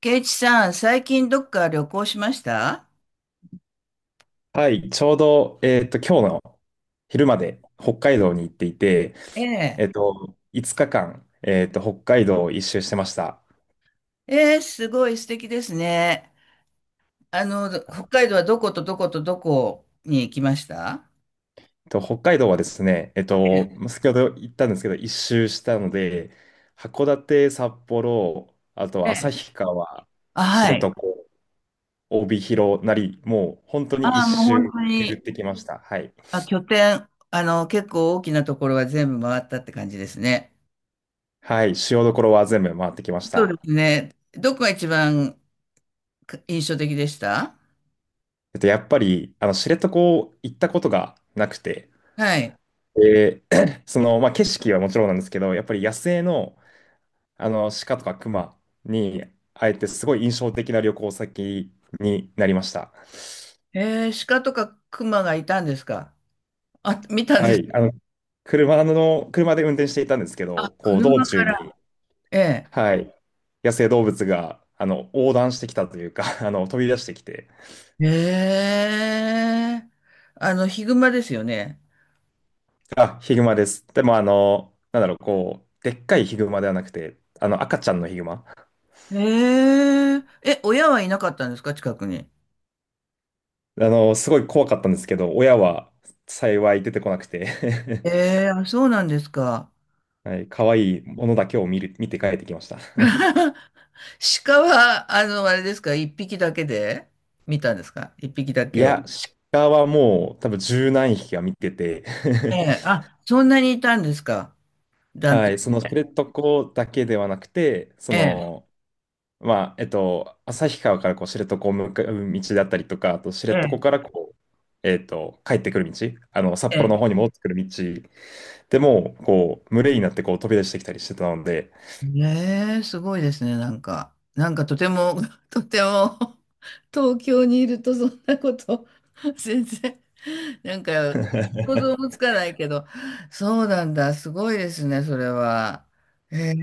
ケイチさん、最近どっか旅行しました？はい、ちょうど、今日の昼まで北海道に行っていて、ええ。5日間、北海道を一周してました。ええ、すごい素敵ですね。あの、北海道はどことどことどこに行きました？北海道はですね、先ほど言ったんですけど、一周したので、函館、札幌、あえとえ。旭川、あ、知は床、い。帯広なり、もう本当にあ一あ、もう本周当巡に、ってきました。はい。あ、拠点、あの、結構大きなところは全部回ったって感じですね。はい、主要どころは全部回ってきましそうでた。すね。どこが一番か印象的でした？やっぱり、知床行ったことがなくて、はい。で、まあ、景色はもちろんなんですけど、やっぱり野生の、あの鹿とか熊に会えて、すごい印象的な旅行先になりました。ええ、鹿とか熊がいたんですか？あ、見たんはです。い、車で運転していたんですけど、あ、こう道車中から。に、ええ。はい、野生動物が横断してきたというか、飛び出してきて、ええ。あの、ヒグマですよね。あ、ヒグマです。でも、なんだろう、こう、でっかいヒグマではなくて、あの赤ちゃんのヒグマ。え。ええ、親はいなかったんですか、近くに？すごい怖かったんですけど、親は幸い出てこなくて、ええ。あ、そうなんですか。はい、可愛いものだけを見て帰ってきました。鹿は、あの、あれですか、一匹だけで見たんですか、一匹だいけを？や、鹿はもう多分十何匹は見てて。 ええ。あ、そんなにいたんですか？ 団はい、そ体。の知床だけではなくて、ええ、まあ、旭川からこう知床を向かう道だったりとか、あと知床かええ、らこう、帰ってくる道、札え幌のえ。方に戻ってくる道でも、こう、群れになってこう飛び出してきたりしてたので。ねえ、すごいですね、なんか。なんかとても、とても、東京にいるとそんなこと、全然、なんか、想像もつかないけど、そうなんだ、すごいですね、それは。へ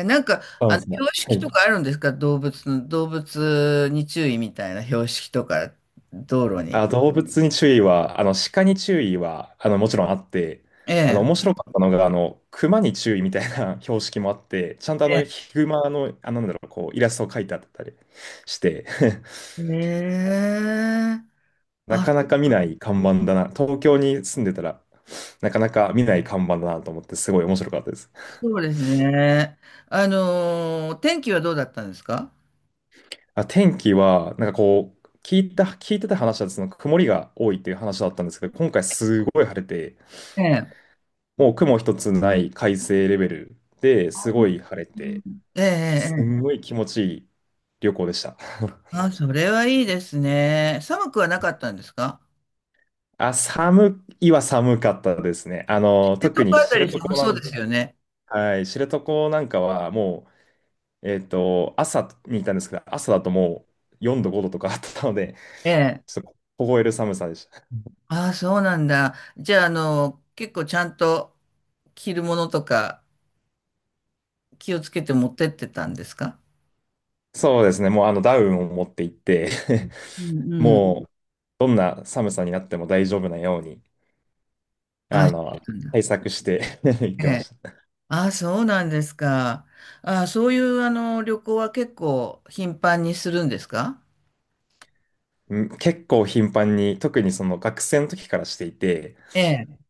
え。なんか、そうあでの、すね。標は識とい。かあるんですか？動物の、動物に注意みたいな標識とか、道路に。あ、動物に注意は、鹿に注意は、もちろんあって、ええ。面白かったのが、熊に注意みたいな 標識もあって、ちゃんとええ。ヒグマの、なんだろう、こう、イラストを描いてあったりして、ええ。なあ、かなか見ない看板だな。東京に住んでたら、なかなか見ない看板だなと思って、すごい面白かったです。そうですね。天気はどうだったんですか？あ、天気は、なんかこう、聞いてた話は、その曇りが多いっていう話だったんですけど、今回すごい晴れて、ええ。もう雲一つない快晴レベルであ、すうん。ごい晴れて、ええ、えきえ。すえんえ。ごい気持ちいい旅行でした。あ、それはいいですね。寒くはなかったんですか？あ、寒いは寒かったですね。えと特こにあた知り床寒なそうでん、すよね。はい、知床なんかはもう、朝に行ったんですけど、朝だともう4度、5度とかあったので、ええ。ちょっと凍える寒さでした。ああ、そうなんだ。じゃあ、あの、結構ちゃんと着るものとか気をつけて持ってってたんですか？そうですね、もうあのダウンを持って行って、 うん、うん。もうどんな寒さになっても大丈夫なように、あ、あその、うなんだ。対策して 行っえてまえ。した。ああ、そうなんですか。ああ、そういう、あの、旅行は結構頻繁にするんですか？うん、結構頻繁に、特にその学生の時からしていて、ええ。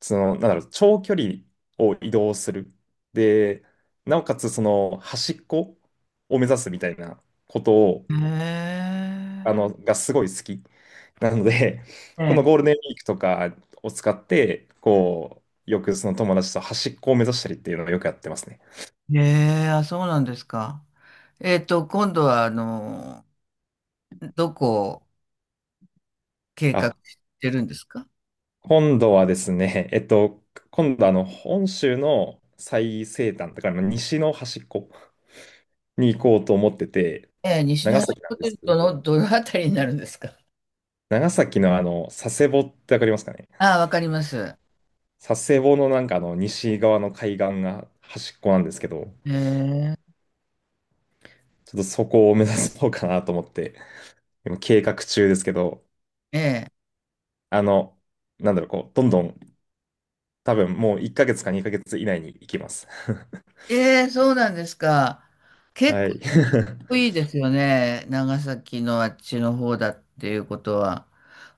なんだろう、長距離を移動する。で、なおかつその端っこを目指すみたいなことを、へえ。がすごい好き。なので、このえゴーえ。ルデンウィークとかを使って、こう、よくその友達と端っこを目指したりっていうのをよくやってますね。え。あ、そうなんですか。今度は、あの、どこを計画あ、してるんですか？今度はですね、今度本州の最西端、だからまあ西の端っこに行こうと思ってて、ええ、西の長端崎なホんでテルす。とのどのあたりになるんですか？長崎の佐世保ってわかりますかね？ああ、わかります。佐世保のなんか西側の海岸が端っこなんですけど、ええ、ちょっとそこを目指そうかなと思って、今計画中ですけど、ええ、あの、なんだろう、こう、どんどん、多分もう1ヶ月か2ヶ月以内に行きます。ええ、そうなんですか。結はい。構いい ですよね。長崎のあっちの方だっていうことは。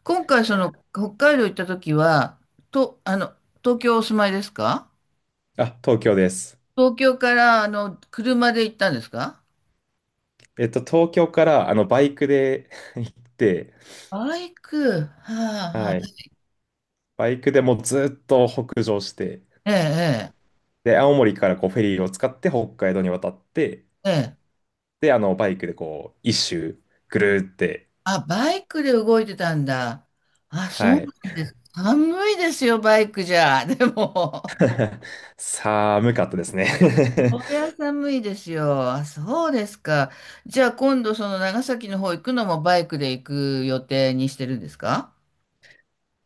今回、その、北海道行った時は、と、あの、東京お住まいですか？あ、東京です。東京からあの車で行ったんですか？東京からバイクで 行って、バイク、はあ。はあ、はい。バイクでもうずっと北上して、ええ、で、青森からこうフェリーを使って北海道に渡って、ええ、ええ。で、バイクでこう、一周ぐるーって、あ、バイクで動いてたんだ。あ、そはうい。なんです。寒いですよ、バイクじゃ。でも、寒かったですね。 こり ゃ寒いですよ。あ、そうですか。じゃあ今度その長崎の方行くのもバイクで行く予定にしてるんですか？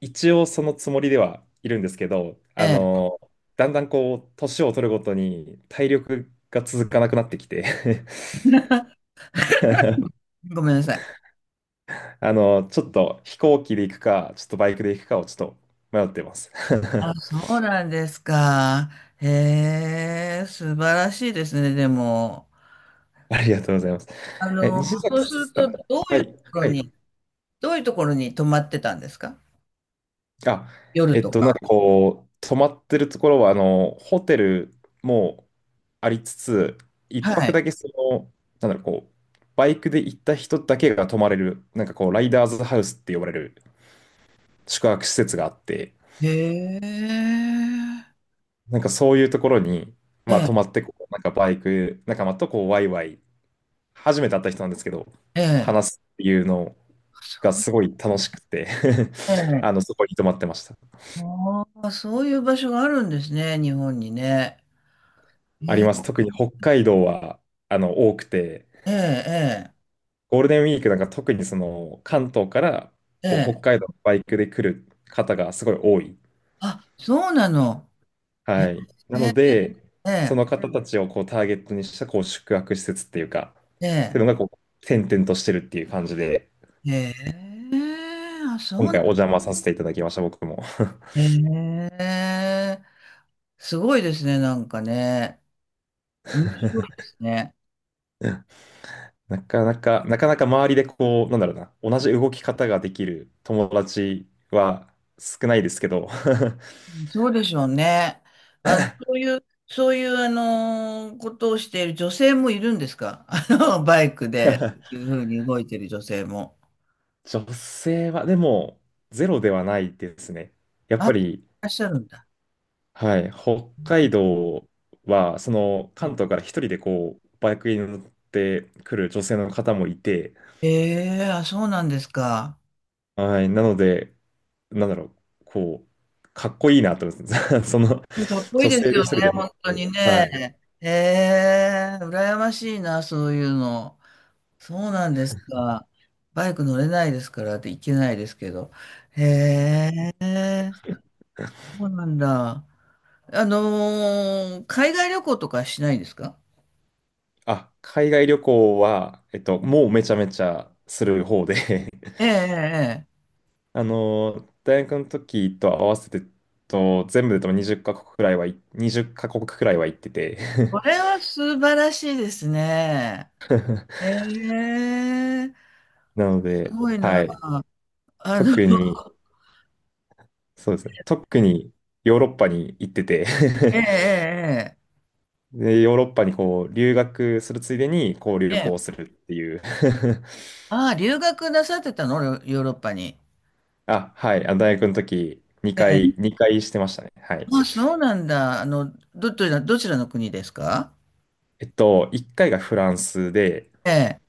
一応そのつもりではいるんですけど、ええ、だんだんこう、年を取るごとに体力が続かなくなってきて、 ごめんなさい。ちょっと飛行機で行くか、ちょっとバイクで行くかをちょっと迷ってます。 あ、そうなんですか。へえ、素晴らしいですね、でも。ありがとうございます。あえ、の、西そ崎うするさん。と、どうはいうとい、ころはに、い。どういうところに泊まってたんですか？あ、夜となんか。かこう、泊まってるところは、ホテルもありつつ、一は泊い。だけなんだろう、こう、バイクで行った人だけが泊まれる、なんかこう、ライダーズハウスって呼ばれる宿泊施設があって、へえ。なんかそういうところに、えまあ、え、泊まってこう、なんかバイク仲間とこう、ワイワイ、初めて会った人なんですけど、ええ、話すっていうのがすごい楽しくて、 え え。そこに泊まってました。ああ、そういう場所があるんですね、日本にね。えありえ、ます。特に北海道は、多くて、ええ、ゴールデンウィークなんか特にその関東からえこう北え。ええ。海道のバイクで来る方がすごい多い。あ、そうなの。ええ、はい。なので、えそのえ、方たちをこうターゲットにしたこう宿泊施設っていうか、ってえいうのえ。がこう点々としてるっていう感じで、ええ、あ、そう今なの。回お邪魔させていただきました、僕も。ええ、すごいですね、なんかね。面白いですね。なかなか、なかなか周りでこう、なんだろうな、同じ動き方ができる友達は少ないですけど。そうでしょうね。あの、そういう、そういう、あのことをしている女性もいるんですか？ あの、バイクで、いうふうに動いている女性も。女性はでもゼロではないですね。やっあ、いぱり、らっしゃるんだ。はい、北海道は、その関東から一人でこう、バイクに乗ってくる女性の方もいて、ええ。あ、そうなんですか。はい、なので、なんだろう、こう、かっこいいなと思って、そのかっこいい女で性すでよ一ね、人で海。本当にはね。い。ええ。羨ましいな、そういうの。そうなんですか。バイク乗れないですからって行けないですけど。へえ、そうなんだ。海外旅行とかしないですか？あ、海外旅行は、もうめちゃめちゃする方で、 ええ、え え、ええ。大学の時と合わせて、全部で多分20カ国くらいは行ってて、 これは素晴らしいですね。ええ、なのすで、ごいはな。い。あの、特に、そうですね。特にヨーロッパに行ってて、 ええ、えで、ヨーロッパにこう留学するついでにこうえ、え旅え。行すええ。るっていう。 ああ、留学なさってたの、ヨヨーロッパに？あ、はい。あ、大学の時え2え。回、2回してましたね。はい。あ、そうなんだ。あの、どちらの国ですか？1回がフランスで、ええ、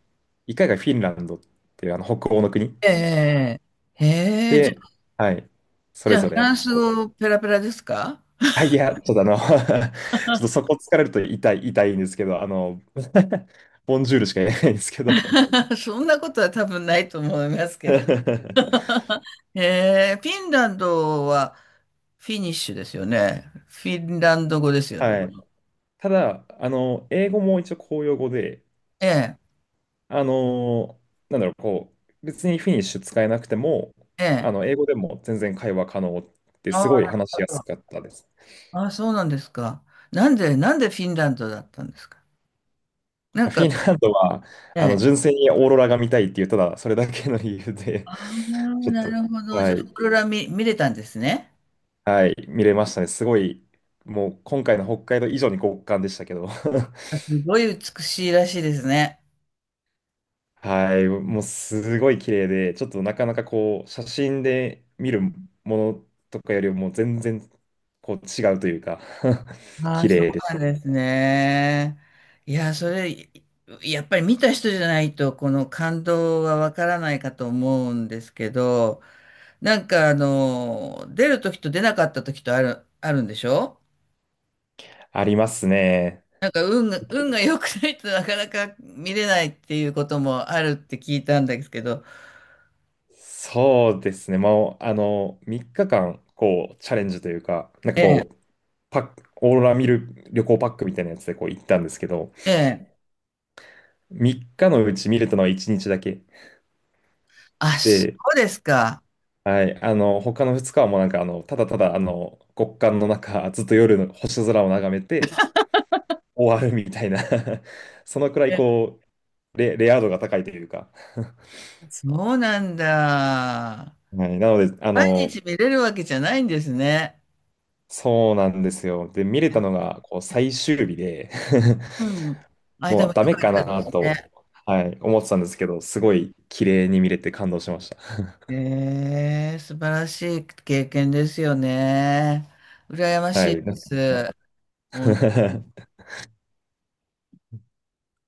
1回がフィンランドっていうあの北欧の国ええ、ええ。へえ、じで、ゃ、はい。そじれゃあ、ぞフラれンスこう、語ペラペラですか？ あ、いや、ちょっとあの ちょっとそこ疲れると痛い、痛いんですけど、ボンジュールしか言えないんですけど。 そんなことは多分ないと思いますけど。ええ、フィンランドは、フィニッシュですよね。フィンランド語ですよね。はい。ただ、英語も一応公用語で、ええ、あの、なんだろう、こう、別にフィニッシュ使えなくても、ええ。英語でも全然会話可能ってすごいあ話しやすかったです。あ、そうなんですか。なんでフィンランドだったんですか。なフんか、ィンランドは、ええ。純粋にオーロラが見たいっていう、ただそれだけの理由で、ああ、ちょっなと、るほど。じはゃあ、オーい、ロラ見れたんですね。はい、見れましたね。すごい、もう今回の北海道以上に極寒でしたけど。すごい美しいらしいですね。はい、もうすごい綺麗で、ちょっとなかなかこう、写真で見るものとかよりも全然こう違うというか、 ああ、綺そう麗でしなんた。ですね。いや、それ、やっぱり見た人じゃないと、この感動はわからないかと思うんですけど、なんかあの、出る時と出なかった時とあるんでしょ？ありますね。なんか運が良くないと なかなか見れないっていうこともあるって聞いたんですけど。そうですね、もう3日間こうチャレンジというか、なんえかえ、こう、パック、オーロラ見る旅行パックみたいなやつでこう行ったんですけど、ええ。3日のうち見れたのは1日だけ。あ、そで、うですか。はい。他の2日はもうなんか、ただただ、極寒の中、ずっと夜の星空を眺めて終わるみたいな。 そのくらい、ええ。こう、レア度が高いというか。そうなんだ。はい。なので、毎日見れるわけじゃないんですね。そうなんですよ。で、見れたのが、こう、最終日で、 うん。あ、でもうもダ良メかっかたですなと、ね。はい、思ってたんですけど、すごい綺麗に見れて感動しました。ええ、素晴らしい経験ですよね。羨ま はしいでい。なんか。 す。もう